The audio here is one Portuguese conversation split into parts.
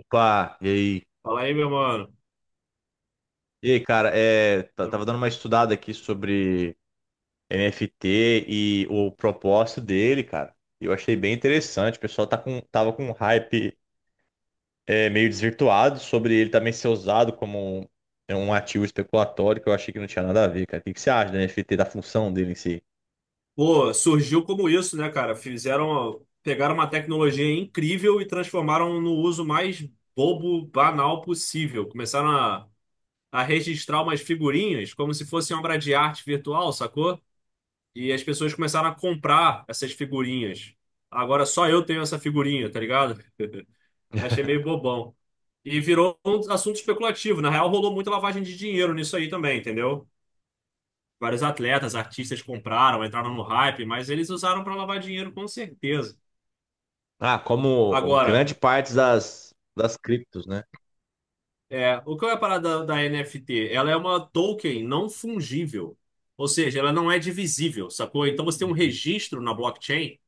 Opa, e aí? Fala aí, meu mano. E aí, cara, tava dando uma estudada aqui sobre NFT e o propósito dele, cara. Eu achei bem interessante. O pessoal tava com um hype, meio desvirtuado sobre ele também ser usado como um ativo especulatório, que eu achei que não tinha nada a ver, cara. O que você acha do NFT, da função dele em si? Pô, surgiu como isso, né, cara? Fizeram, pegaram uma tecnologia incrível e transformaram no uso mais bobo, banal possível. Começaram a registrar umas figurinhas como se fosse uma obra de arte virtual, sacou? E as pessoas começaram a comprar essas figurinhas. Agora só eu tenho essa figurinha, tá ligado? Achei meio bobão. E virou um assunto especulativo. Na real, rolou muita lavagem de dinheiro nisso aí também, entendeu? Vários atletas, artistas compraram, entraram no hype, mas eles usaram para lavar dinheiro com certeza. Ah, como Agora, grande parte das criptos, né? O que é a parada da NFT? Ela é uma token não fungível, ou seja, ela não é divisível, sacou? Então você tem um registro na blockchain. E o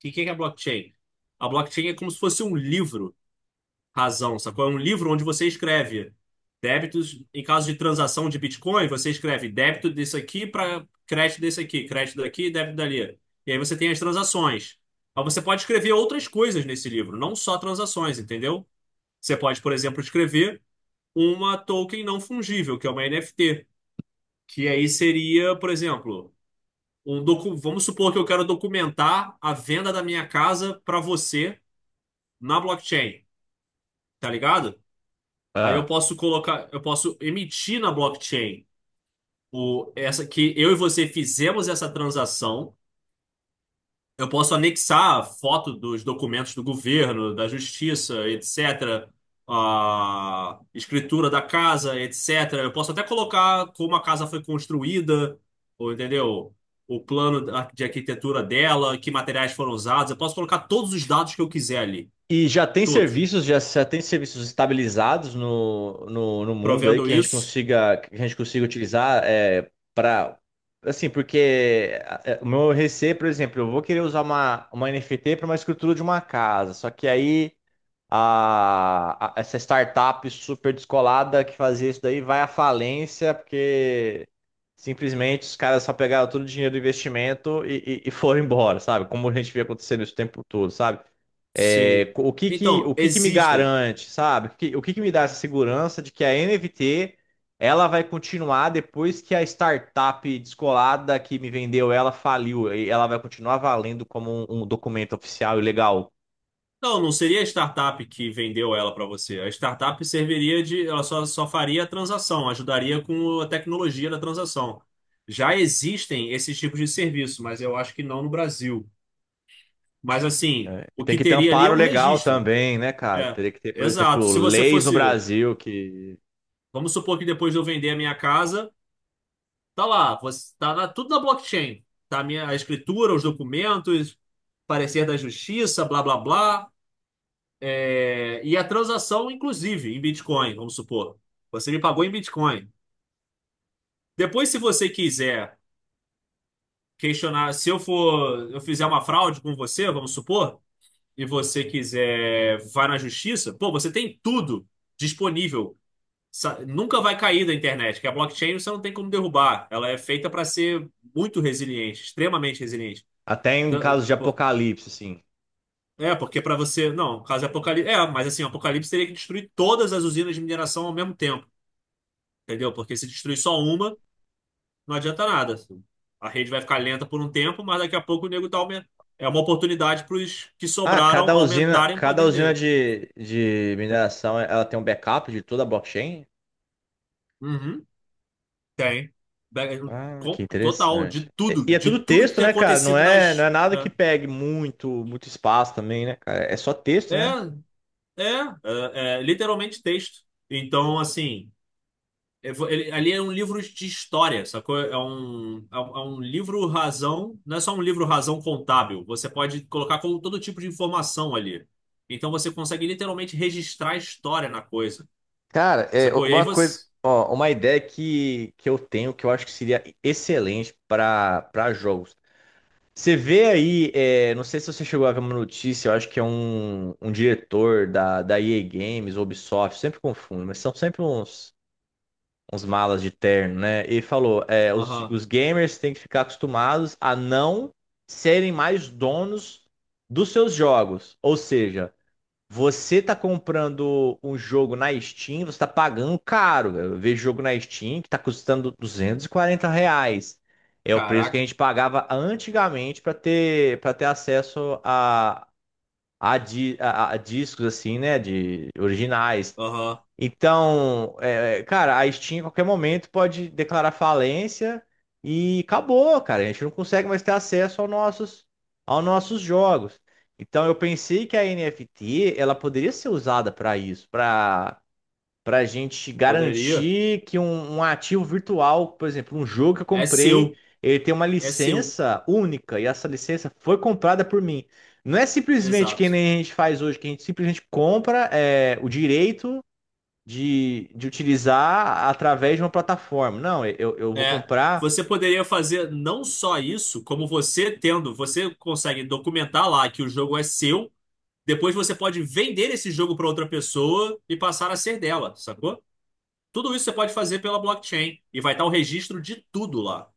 que que é a blockchain? A blockchain é como se fosse um livro razão, sacou? É um livro onde você escreve débitos. Em caso de transação de Bitcoin, você escreve débito desse aqui para crédito desse aqui, crédito daqui, débito dali. E aí você tem as transações. Mas você pode escrever outras coisas nesse livro, não só transações, entendeu? Você pode, por exemplo, escrever uma token não fungível, que é uma NFT, que aí seria, por exemplo, um vamos supor que eu quero documentar a venda da minha casa para você na blockchain, tá ligado? Aí eu Uhum. posso colocar, eu posso emitir na blockchain essa que eu e você fizemos essa transação. Eu posso anexar a foto dos documentos do governo, da justiça, etc. A escritura da casa, etc. Eu posso até colocar como a casa foi construída, ou entendeu? O plano de arquitetura dela, que materiais foram usados. Eu posso colocar todos os dados que eu quiser ali. E já tem Todos. Serviços estabilizados no mundo aí Provendo que a gente isso, consiga utilizar, para assim, porque, o meu receio, por exemplo, eu vou querer usar uma NFT para uma escritura de uma casa, só que aí essa startup super descolada que fazia isso daí vai à falência porque simplesmente os caras só pegaram todo o dinheiro do investimento e foram embora, sabe? Como a gente vê acontecendo isso o tempo todo, sabe? Sim. Então, O que que me existem. garante, sabe? O que que me dá essa segurança de que a NFT ela vai continuar depois que a startup descolada que me vendeu ela faliu e ela vai continuar valendo como um documento oficial e legal. Não, não seria a startup que vendeu ela para você. A startup serviria de, ela só, só faria a transação, ajudaria com a tecnologia da transação. Já existem esses tipos de serviço, mas eu acho que não no Brasil. Mas assim, É, e o tem que que ter um teria ali é amparo um legal registro. também, né, cara? É, Teria que ter, por exato. exemplo, Se você leis no fosse, Brasil que vamos supor que depois de eu vender a minha casa, tá lá, você, tudo na blockchain. Tá a minha a escritura, os documentos, parecer da justiça, blá blá blá. E a transação, inclusive, em Bitcoin, vamos supor. Você me pagou em Bitcoin. Depois, se você quiser questionar, se eu for, eu fizer uma fraude com você, vamos supor, e você quiser vai na justiça, pô, você tem tudo disponível. Nunca vai cair da internet, que a blockchain você não tem como derrubar. Ela é feita para ser muito resiliente, extremamente resiliente. até em Então, é, casos de por- apocalipse, assim. é, porque para você. Não, caso Apocalipse. É, mas assim, o Apocalipse teria que destruir todas as usinas de mineração ao mesmo tempo. Entendeu? Porque se destruir só uma, não adianta nada. A rede vai ficar lenta por um tempo, mas daqui a pouco o nego tá aumentando. É uma oportunidade para os que Ah, sobraram cada usina, aumentarem o cada poder usina dele. de, de mineração ela tem um backup de toda a blockchain? Uhum, tem. Be- Ah, que Total, interessante. E e é de tudo tudo que texto, tem né, cara? Não acontecido é, não nas. é nada que pegue muito, muito espaço também, né, cara? É só texto, É, né? é, é, é literalmente texto. Então, assim. Ali é um livro de história, sacou? É um livro razão, não é só um livro razão contábil. Você pode colocar com todo tipo de informação ali. Então você consegue literalmente registrar a história na coisa, Cara, é sacou? E aí uma coisa, você. ó, uma ideia que eu tenho que eu acho que seria excelente para jogos. Você vê aí, é, não sei se você chegou a ver uma notícia, eu acho que é um diretor da EA Games, Ubisoft, sempre confundo, mas são sempre uns malas de terno, né? E falou: é, os, Aham, os gamers têm que ficar acostumados a não serem mais donos dos seus jogos. Ou seja, você tá comprando um jogo na Steam, você tá pagando caro. Eu vejo jogo na Steam que tá custando R$ 240. É o preço que a caraca, gente pagava antigamente para ter acesso a discos assim, né, de originais. aham, Então, cara, a Steam em qualquer momento pode declarar falência e acabou, cara. A gente não consegue mais ter acesso aos nossos jogos. Então, eu pensei que a NFT ela poderia ser usada para isso, para a gente poderia. garantir que um ativo virtual, por exemplo, um jogo que eu É comprei, seu, ele tem uma é seu, licença única e essa licença foi comprada por mim. Não é simplesmente que exato. nem a gente faz hoje, que a gente simplesmente compra o direito de utilizar através de uma plataforma. Não, eu vou É. comprar, Você poderia fazer não só isso, como você tendo, você consegue documentar lá que o jogo é seu. Depois você pode vender esse jogo para outra pessoa e passar a ser dela, sacou? Tudo isso você pode fazer pela blockchain e vai estar o registro de tudo lá.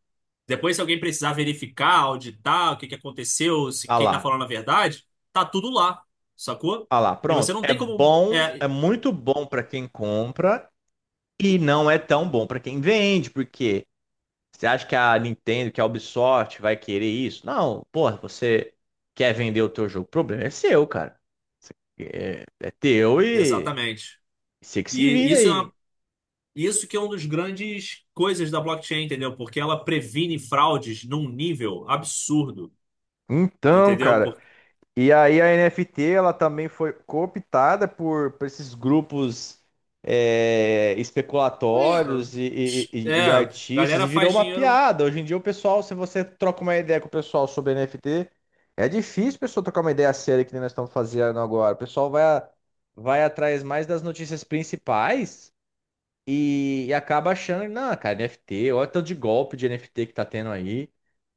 Depois, se alguém precisar verificar, auditar o que que aconteceu, se ah quem está lá, falando a verdade, tá tudo lá, sacou? ah lá, E você pronto. não É tem como. bom, é É, muito bom para quem compra e não é tão bom para quem vende, porque você acha que a Nintendo, que a Ubisoft vai querer isso? Não, porra, você quer vender o teu jogo, o problema é seu, cara. É teu e exatamente. você que se E vira isso é aí. uma- isso que é uma das grandes coisas da blockchain, entendeu? Porque ela previne fraudes num nível absurdo, Então, entendeu? cara, Porque e aí a NFT ela também foi cooptada por esses grupos, especulatórios e, e- e- é, e é, artistas galera e virou faz uma dinheiro. piada. Hoje em dia o pessoal, se você troca uma ideia com o pessoal sobre NFT, é difícil a pessoa trocar uma ideia séria que nem nós estamos fazendo agora. O pessoal vai, vai atrás mais das notícias principais e acaba achando, não, cara, NFT, olha o tanto de golpe de NFT que tá tendo aí.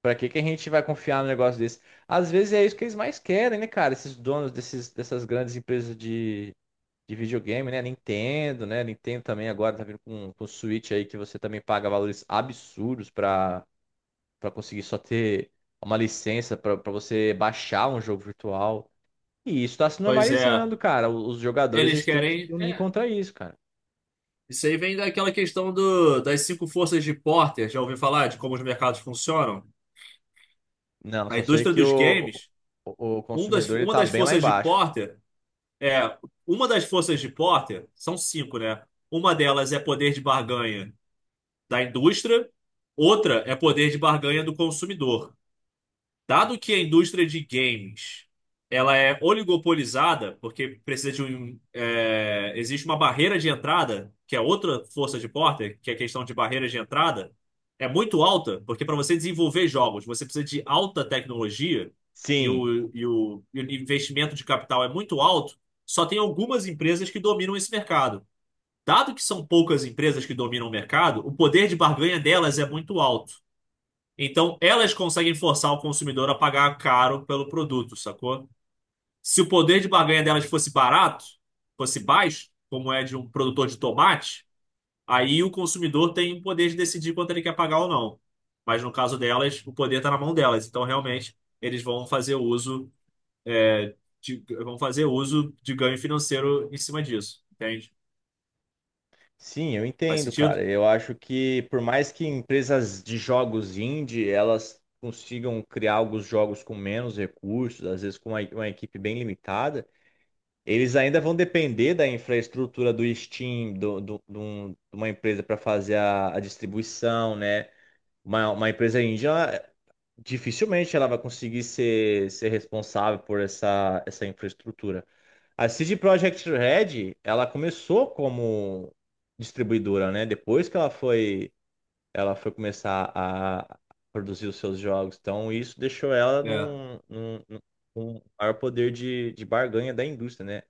Pra que que a gente vai confiar num negócio desse? Às vezes é isso que eles mais querem, né, cara? Esses donos dessas grandes empresas de videogame, né? Nintendo, né? Nintendo também agora tá vindo com Switch aí que você também paga valores absurdos pra conseguir só ter uma licença pra você baixar um jogo virtual. E isso tá se Pois é, normalizando, cara. Os jogadores eles eles têm que se querem. unir É, contra isso, cara. isso aí vem daquela questão do, das cinco forças de Porter. Já ouviu falar de como os mercados funcionam? Não, A só sei indústria que dos o, games, o, o um das, consumidor ele uma tá das bem lá forças de embaixo. Porter é uma das forças de Porter são cinco, né? Uma delas é poder de barganha da indústria, outra é poder de barganha do consumidor. Dado que a indústria de games ela é oligopolizada, porque precisa de um, existe uma barreira de entrada, que é outra força de Porter, que é a questão de barreira de entrada, é muito alta, porque para você desenvolver jogos, você precisa de alta tecnologia e Sim, o investimento de capital é muito alto, só tem algumas empresas que dominam esse mercado. Dado que são poucas empresas que dominam o mercado, o poder de barganha delas é muito alto. Então, elas conseguem forçar o consumidor a pagar caro pelo produto, sacou? Se o poder de barganha delas fosse barato, fosse baixo, como é de um produtor de tomate, aí o consumidor tem o poder de decidir quanto ele quer pagar ou não. Mas no caso delas, o poder está na mão delas. Então, realmente, eles vão fazer uso é, vão fazer uso de ganho financeiro em cima disso, entende? sim, eu Faz entendo, cara. sentido? Eu acho que por mais que empresas de jogos indie elas consigam criar alguns jogos com menos recursos, às vezes com uma equipe bem limitada, eles ainda vão depender da infraestrutura do Steam, de uma empresa para fazer a distribuição, né? Uma empresa indie, dificilmente ela vai conseguir ser responsável por essa infraestrutura. A CD Projekt Red, ela começou como distribuidora, né? Depois que ela foi começar a produzir os seus jogos. Então, isso deixou ela É, com maior poder de barganha da indústria, né?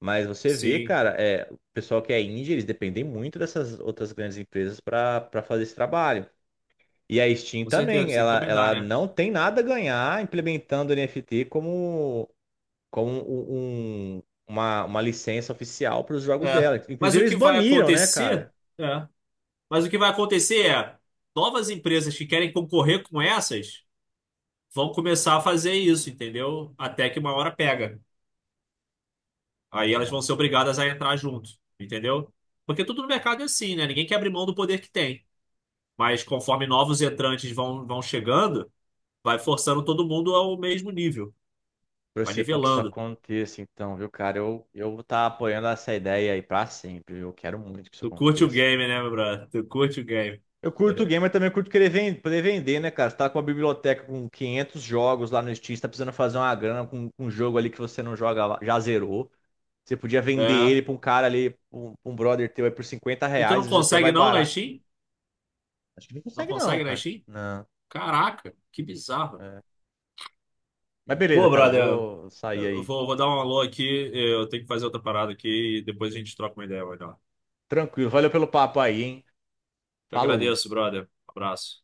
Mas você vê, sim, cara, é, o pessoal que é indie, eles dependem muito dessas outras grandes empresas para fazer esse trabalho. E a Steam com certeza, também, precisa ela, encomendar, ela né? não tem nada a ganhar implementando NFT como uma licença oficial para os jogos É. dela. Mas Inclusive, o eles que vai baniram, né, acontecer? cara? É. Mas o que vai acontecer, novas empresas que querem concorrer com essas vão começar a fazer isso, entendeu? Até que uma hora pega. Aí elas vão ser obrigadas a entrar junto, entendeu? Porque tudo no mercado é assim, né? Ninguém quer abrir mão do poder que tem. Mas conforme novos entrantes vão chegando, vai forçando todo mundo ao mesmo nível. Vai Torcer para que isso nivelando. aconteça, então, viu, cara? Eu vou estar apoiando essa ideia aí para sempre. Eu quero muito que isso Tu curte o aconteça. game, né, meu brother? Tu curte o game. Eu curto game, mas também curto querer poder vender, né, cara? Você tá com uma biblioteca com 500 jogos lá no Steam, você tá precisando fazer uma grana com um jogo ali que você não joga, já zerou. Você podia vender É. ele pra um cara ali, um brother teu aí por 50 E tu reais, não às vezes até consegue vai não na barato. Steam? Acho que não Não consegue não, consegue na cara. Steam? Caraca, que bizarro. Não. Mas beleza, Pô, cara, brother, eu vou sair eu aí. vou, vou dar um alô aqui, eu tenho que fazer outra parada aqui e depois a gente troca uma ideia melhor. Tranquilo, valeu pelo papo aí, hein? Eu Falou. agradeço, brother. Abraço.